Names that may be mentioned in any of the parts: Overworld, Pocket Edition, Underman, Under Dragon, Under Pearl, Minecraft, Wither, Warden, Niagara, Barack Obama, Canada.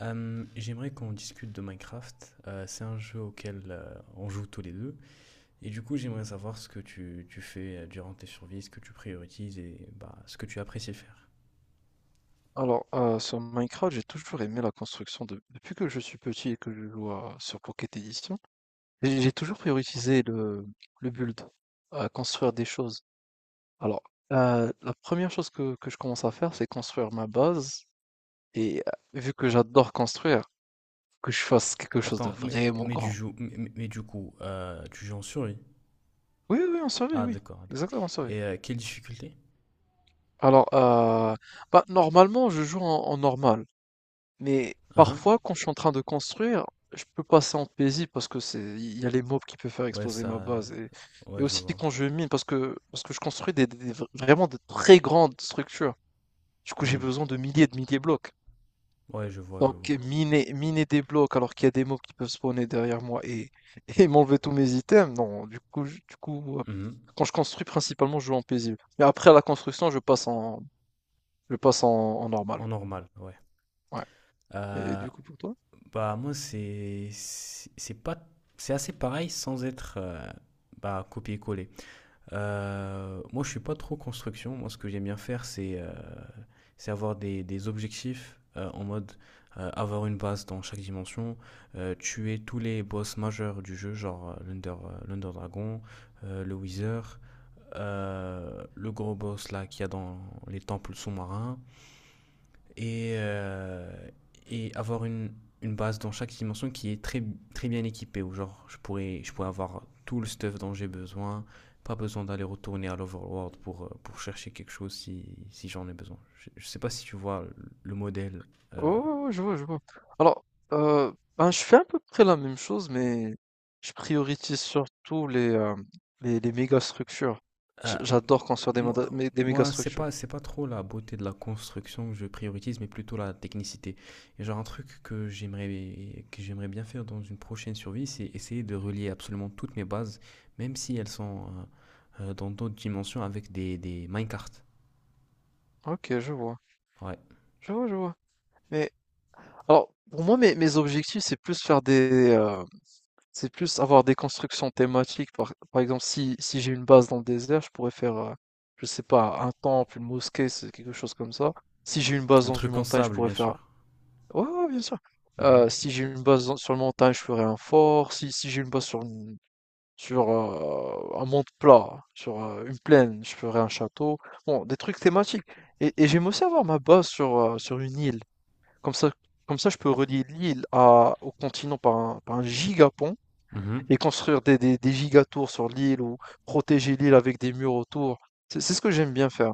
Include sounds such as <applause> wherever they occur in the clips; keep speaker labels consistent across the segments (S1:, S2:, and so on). S1: J'aimerais qu'on discute de Minecraft. C'est un jeu auquel on joue tous les deux. Et du coup, j'aimerais savoir ce que tu fais durant tes survies, ce que tu priorises et ce que tu apprécies faire.
S2: Alors, sur Minecraft, j'ai toujours aimé la construction depuis que je suis petit et que je joue sur Pocket Edition. J'ai toujours priorisé le build, à construire des choses. Alors, la première chose que je commence à faire, c'est construire ma base. Et vu que j'adore construire, que je fasse quelque chose de
S1: Attends, mais,
S2: vraiment
S1: mais, du,
S2: grand.
S1: jou- mais, mais- mais du coup, tu joues en survie?
S2: Oui, oui, en série,
S1: Ah,
S2: oui.
S1: d'accord. D'accord.
S2: Exactement, en série.
S1: Et quelle difficulté?
S2: Alors, bah, normalement, je joue en normal. Mais
S1: Uhum.
S2: parfois, quand je suis en train de construire, je peux passer en paisible parce que il y a les mobs qui peuvent faire
S1: Ouais,
S2: exploser ma
S1: ça.
S2: base, et
S1: Ouais, je
S2: aussi
S1: vois.
S2: quand je mine parce que je construis vraiment de très grandes structures. Du coup, j'ai
S1: Hmm.
S2: besoin de milliers et de milliers de blocs.
S1: Ouais, je vois, je
S2: Donc
S1: vois.
S2: miner des blocs alors qu'il y a des mobs qui peuvent spawner derrière moi et <laughs> et m'enlever tous mes items. Non, du coup,
S1: Mhm.
S2: quand je construis principalement, je joue en paisible. Mais après à la construction, je passe en normal.
S1: En normal, ouais.
S2: Ouais. Et
S1: Euh,
S2: du coup pour toi?
S1: Bah, moi, c'est pas c'est assez pareil sans être bah, copier-coller. Moi, je suis pas trop construction. Moi, ce que j'aime bien faire, c'est avoir des objectifs en mode avoir une base dans chaque dimension, tuer tous les boss majeurs du jeu, genre l'Under l'Under Dragon, le Wither, le gros boss là qu'il y a dans les temples sous-marins et, euh, et avoir une base dans chaque dimension qui est très, très bien équipée, où genre je pourrais avoir tout le stuff dont j'ai besoin, pas besoin d'aller retourner à l'Overworld pour chercher quelque chose si, si j'en ai besoin. Je sais pas si tu vois le modèle euh,
S2: Oh, je vois, je vois. Alors, ben, je fais à peu près la même chose, mais je priorise surtout les, hem, les méga structures. J
S1: à,
S2: j'adore construire des mada
S1: Moi,
S2: mé des méga
S1: moi
S2: structures.
S1: c'est pas trop la beauté de la construction que je priorise, mais plutôt la technicité. Et genre, un truc que j'aimerais bien faire dans une prochaine survie, c'est essayer de relier absolument toutes mes bases, même si elles sont dans d'autres dimensions, avec des minecarts.
S2: OK, je vois.
S1: Ouais.
S2: Je vois, je vois. Mais alors, pour moi, mes objectifs, c'est plus c'est plus avoir des constructions thématiques. Par exemple, si j'ai une base dans le désert, je pourrais je sais pas, un temple, une mosquée, c'est quelque chose comme ça. Si j'ai une base
S1: Un
S2: dans une
S1: truc en
S2: montagne, je
S1: sable,
S2: pourrais
S1: bien
S2: faire.
S1: sûr.
S2: Ouais, ouais, bien sûr.
S1: Mhm.
S2: Si j'ai une base dans sur le montagne, je ferai un fort. Si j'ai une base un monde plat, sur une plaine, je ferai un château. Bon, des trucs thématiques, et j'aime aussi avoir ma base sur une île. Comme ça comme ça, je peux relier l'île à au continent par un gigapont
S1: Mhm.
S2: et construire des giga sur l'île ou protéger l'île avec des murs autour. C'est ce que j'aime bien faire.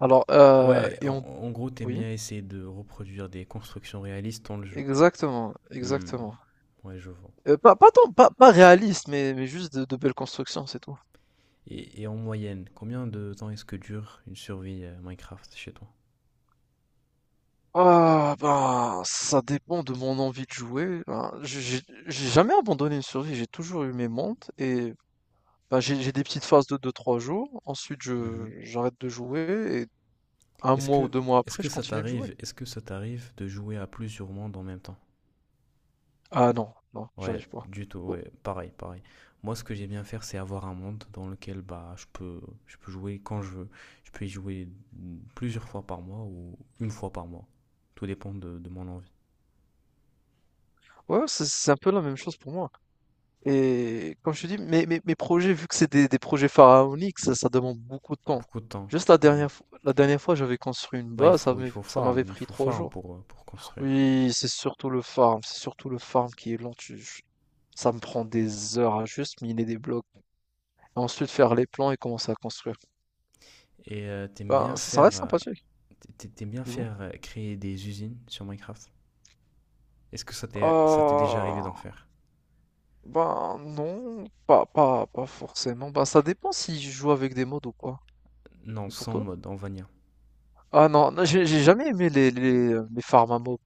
S2: Alors,
S1: Ouais,
S2: et
S1: en,
S2: on
S1: en gros, t'aimes
S2: Oui,
S1: bien essayer de reproduire des constructions réalistes dans le jeu.
S2: exactement,
S1: Hmm.
S2: exactement.
S1: Ouais, je vois.
S2: Pas tant, pas réaliste, mais juste de belles constructions, c'est tout.
S1: Et en moyenne, combien de temps est-ce que dure une survie Minecraft chez toi?
S2: Ah, bah ça dépend de mon envie de jouer. Ben, j'ai jamais abandonné une survie, j'ai toujours eu mes montes. Et bah, j'ai des petites phases de deux trois jours, ensuite je
S1: Mhm.
S2: j'arrête de jouer, et un
S1: Est-ce
S2: mois ou
S1: que,
S2: 2 mois
S1: est-ce
S2: après,
S1: que
S2: je
S1: ça
S2: continue de jouer.
S1: t'arrive, est-ce que ça t'arrive de jouer à plusieurs mondes en même temps?
S2: Ah non, non,
S1: Ouais,
S2: j'arrive pas.
S1: du tout,
S2: Oh.
S1: ouais, pareil, pareil. Moi, ce que j'aime bien faire, c'est avoir un monde dans lequel bah, je peux jouer quand je veux. Je peux y jouer plusieurs fois par mois ou une fois par mois. Tout dépend de mon envie.
S2: Ouais, c'est un peu la même chose pour moi. Et comme je te dis, mes projets, vu que c'est des projets pharaoniques, ça demande beaucoup de temps.
S1: Beaucoup de temps.
S2: Juste
S1: Hmm.
S2: la dernière fois, j'avais construit une
S1: Bah,
S2: base, ça m'avait ça m'avait
S1: il
S2: pris
S1: faut
S2: trois
S1: farm
S2: jours.
S1: pour construire.
S2: Oui, c'est surtout le farm qui est lent. Ça me prend des heures à juste miner des blocs, et ensuite faire les plans et commencer à construire.
S1: Et t'aimes
S2: Ben,
S1: bien
S2: ça
S1: faire,
S2: reste sympathique,
S1: T'aimes bien
S2: dis-moi.
S1: faire créer des usines sur Minecraft? Est-ce que ça t'est déjà arrivé
S2: Euh,
S1: d'en faire?
S2: ben non, pas forcément. Ben, ça dépend si je joue avec des mods ou pas.
S1: Non,
S2: Et pour
S1: sans
S2: toi?
S1: mode, en vanilla.
S2: Ah non, non, j'ai jamais aimé les farms à mobs.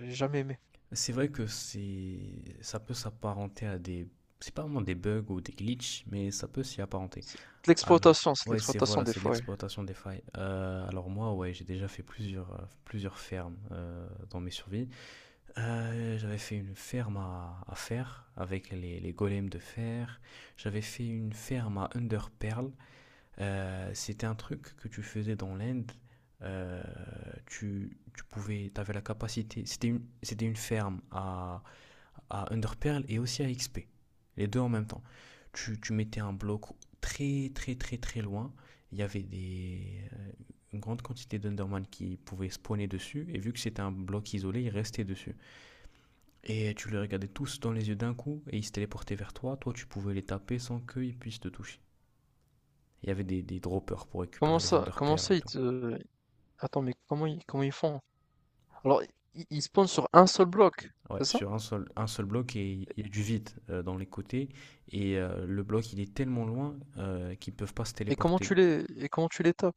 S2: J'ai jamais aimé.
S1: C'est vrai que c'est ça peut s'apparenter à des c'est pas vraiment des bugs ou des glitches, mais ça peut s'y apparenter.
S2: C'est
S1: Alors,
S2: c'est de
S1: ouais, c'est
S2: l'exploitation
S1: voilà,
S2: des
S1: c'est de
S2: fois. Ouais.
S1: l'exploitation des failles. Alors moi, ouais, j'ai déjà fait plusieurs plusieurs fermes dans mes survies. J'avais fait une ferme à fer avec les golems de fer. J'avais fait une ferme à Under Pearl. C'était un truc que tu faisais dans l'Inde. Euh, Tu pouvais, t'avais la capacité. C'était une ferme à Underpearl et aussi à XP. Les deux en même temps. Tu mettais un bloc très, très, très, très loin. Il y avait des, une grande quantité d'Underman qui pouvaient spawner dessus. Et vu que c'était un bloc isolé, ils restaient dessus. Et tu les regardais tous dans les yeux d'un coup et ils se téléportaient vers toi. Toi, tu pouvais les taper sans qu'ils puissent te toucher. Il y avait des droppers pour
S2: Comment
S1: récupérer les
S2: ça, comment
S1: underperles et
S2: ça ils
S1: tout.
S2: te... Attends, mais comment ils font? Alors, ils spawnent sur un seul bloc,
S1: Ouais,
S2: c'est ça?
S1: sur un seul bloc, et il y a du vide dans les côtés. Et le bloc, il est tellement loin qu'ils ne peuvent pas se
S2: Et comment
S1: téléporter.
S2: tu les, et comment tu les tapes,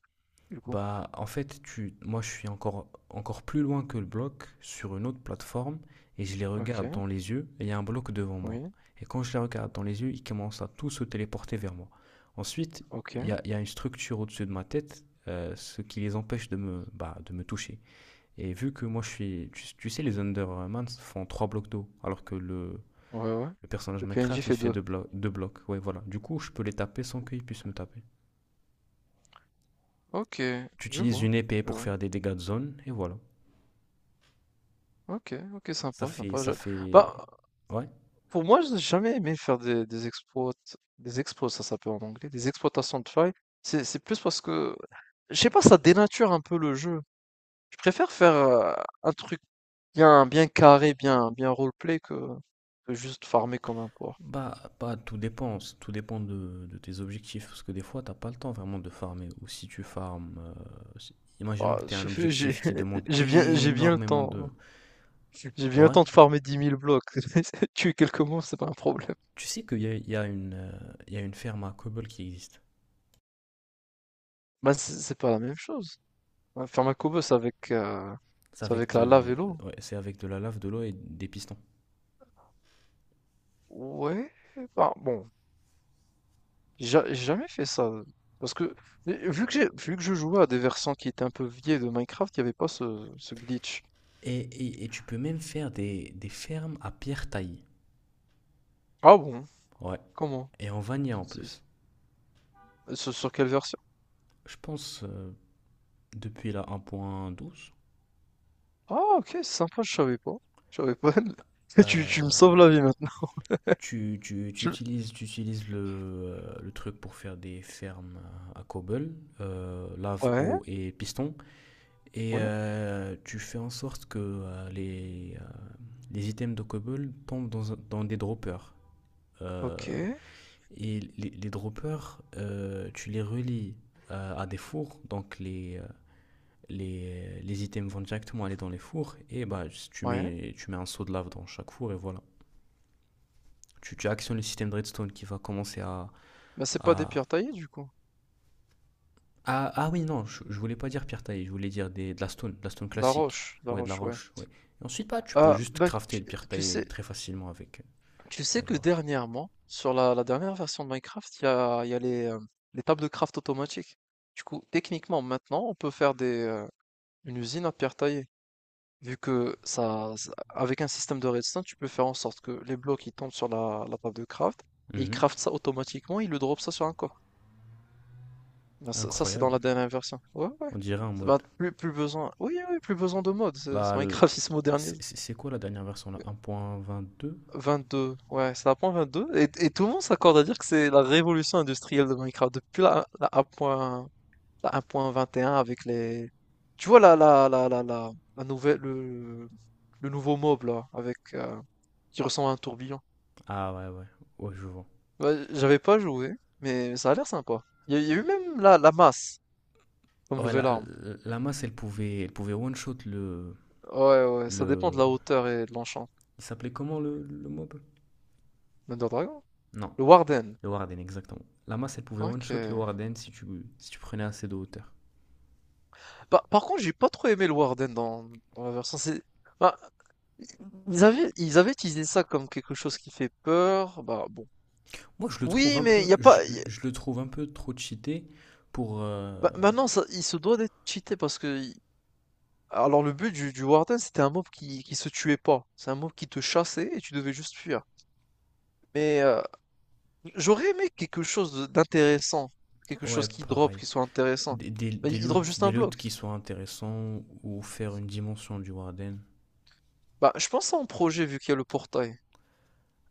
S2: du coup?
S1: Bah, en fait, moi, je suis encore, encore plus loin que le bloc sur une autre plateforme et je les regarde
S2: Ok,
S1: dans les yeux et il y a un bloc devant moi.
S2: oui,
S1: Et quand je les regarde dans les yeux, ils commencent à tous se téléporter vers moi. Ensuite,
S2: ok,
S1: il y a une structure au-dessus de ma tête, ce qui les empêche de me, bah, de me toucher. Et vu que moi je suis. Tu sais, les Undermans font trois blocs d'eau, alors que
S2: ouais, ouais.
S1: le personnage
S2: Le PNJ
S1: Minecraft il
S2: fait
S1: fait
S2: deux.
S1: deux, deux blocs. Ouais, voilà. Du coup, je peux les taper sans qu'ils puissent me taper.
S2: Ok,
S1: Tu
S2: je
S1: utilises
S2: vois,
S1: une épée
S2: je
S1: pour
S2: vois.
S1: faire des dégâts de zone, et voilà.
S2: Ok, ok,
S1: Ça
S2: sympa,
S1: fait.
S2: sympa.
S1: Ça
S2: Bah,
S1: fait… Ouais.
S2: pour moi, j'ai jamais aimé faire des exploits, ça s'appelle en anglais, des exploitations de failles. C'est plus parce que, je sais pas, ça dénature un peu le jeu. Je préfère faire un truc bien bien carré, bien bien roleplay que juste farmer comme un porc.
S1: Bah, bah, tout dépend. Tout dépend de tes objectifs. Parce que des fois, t'as pas le temps vraiment de farmer. Ou si tu farmes. Imaginons
S2: Ah,
S1: que t'aies un
S2: je fais j'ai
S1: objectif qui
S2: <laughs>
S1: demande
S2: j'ai bien j'ai bien le
S1: énormément
S2: temps,
S1: de.
S2: j'ai bien le
S1: Ouais.
S2: temps de farmer 10 000 blocs. <laughs> Tuer quelques monstres, c'est pas un problème.
S1: Tu sais qu'il y a, il y a une, il y a une ferme à Cobble qui existe.
S2: Bah, c'est pas la même chose. Ouais, faire un Koboss
S1: C'est
S2: c'est
S1: avec
S2: avec la lave
S1: de,
S2: et l'eau.
S1: ouais, c'est avec de la lave, de l'eau et des pistons.
S2: Ouais, enfin bon. J'ai jamais fait ça. Parce que, mais vu que je jouais à des versants qui étaient un peu vieilles de Minecraft, il n'y avait pas ce glitch.
S1: Et tu peux même faire des fermes à pierre taillée.
S2: Ah bon?
S1: Ouais.
S2: Comment?
S1: Et en vanilla en
S2: C'est- c'est-
S1: plus.
S2: sur quelle version?
S1: Je pense depuis la 1.12,
S2: Ah, ok, sympa, je savais pas. Je savais pas. <laughs> Tu me
S1: euh,
S2: sauves la vie maintenant. Tu-
S1: tu utilises le truc pour faire des fermes à cobble, lave,
S2: Ouais,
S1: eau et piston. Et
S2: ouais,
S1: tu fais en sorte que les items de cobble tombent dans, dans des droppers. Euh,
S2: ok,
S1: Et les droppers, tu les relis à des fours, donc les items vont directement aller dans les fours, et bah,
S2: ouais.
S1: tu mets un seau de lave dans chaque four, et voilà. Tu actionnes le système de redstone qui va commencer à…
S2: Mais c'est pas des
S1: à-
S2: pierres taillées, du coup.
S1: Ah, ah oui, non, je voulais pas dire pierre taillée, je voulais dire des, de la stone classique,
S2: La
S1: ouais, de la
S2: roche, ouais.
S1: roche, ouais. Et ensuite, bah, tu peux
S2: Ah,
S1: juste
S2: ben,
S1: crafter le pierre
S2: tu
S1: taillée
S2: sais,
S1: très facilement avec,
S2: tu sais
S1: avec
S2: que
S1: la roche.
S2: dernièrement, sur la dernière version de Minecraft, il y a les tables de craft automatiques. Du coup, techniquement, maintenant, on peut faire une usine à pierre taillée. Vu que avec un système de redstone, tu peux faire en sorte que les blocs ils tombent sur la table de craft, et ils
S1: Mhm.
S2: craftent ça automatiquement, ils le dropent ça sur un corps. Ben, c'est dans
S1: Incroyable.
S2: la dernière version. Ouais, ouais.
S1: On dirait en
S2: Ça va,
S1: mode
S2: plus besoin. Oui, oui, plus besoin de mode. c'est-
S1: Là,
S2: c'est Minecraft, <laughs> il se modernise.
S1: c'est quoi la dernière version là? 1.22.
S2: 22, ouais, c'est la point 22. Et tout le monde s'accorde à dire que c'est la révolution industrielle de Minecraft. Depuis la 1.1, la 1.21 avec les... Tu vois la nouvelle, le nouveau mob là, qui ressemble à un tourbillon.
S1: Ah ouais, ouais, ouais, je vois.
S2: Ouais, j'avais pas joué, mais ça a l'air sympa. Il y a eu même la masse comme
S1: Ouais,
S2: nouvelle
S1: la,
S2: arme.
S1: la la masse, elle pouvait one-shot le,
S2: Ouais, ouais, ça dépend de
S1: le…
S2: la hauteur et de l'enchant.
S1: Il s'appelait comment le mob?
S2: Thunder Dragon?
S1: Non,
S2: Le Warden.
S1: le Warden, exactement. La masse, elle pouvait
S2: Ok.
S1: one-shot le Warden si tu, si tu prenais assez de hauteur.
S2: Par contre, j'ai pas trop aimé le Warden dans la version. Bah, ils avaient utilisé ça comme quelque chose qui fait peur. Bah bon.
S1: Moi, je le trouve
S2: Oui,
S1: un
S2: mais il y
S1: peu,
S2: a pas.
S1: je le trouve un peu trop cheaté pour…
S2: Bah, maintenant, ça, il se doit d'être cheaté parce que. Alors le but du Warden, c'était un mob qui se tuait pas. C'est un mob qui te chassait et tu devais juste fuir. Mais j'aurais aimé quelque chose d'intéressant, quelque
S1: Ouais,
S2: chose qui drop,
S1: pareil.
S2: qui soit intéressant. Bah, il drop juste un
S1: Des
S2: bloc.
S1: loots qui soient intéressants ou faire une dimension du Warden.
S2: Bah je pense à un projet vu qu'il y a le portail.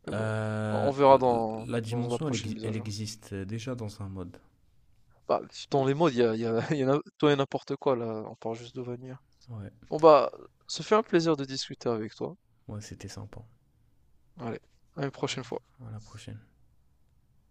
S2: Mais bon, on
S1: Euh,
S2: verra dans,
S1: la
S2: dans la
S1: dimension, elle,
S2: prochaine mise à
S1: elle
S2: jour.
S1: existe déjà dans un mode.
S2: Bah, dans les modes, <laughs> il y en a tout et n'importe quoi là. On parle juste de Vanilla.
S1: Ouais,
S2: Bon bah, ça fait un plaisir de discuter avec toi.
S1: ouais, c'était sympa.
S2: Allez, à une prochaine fois.
S1: À la prochaine.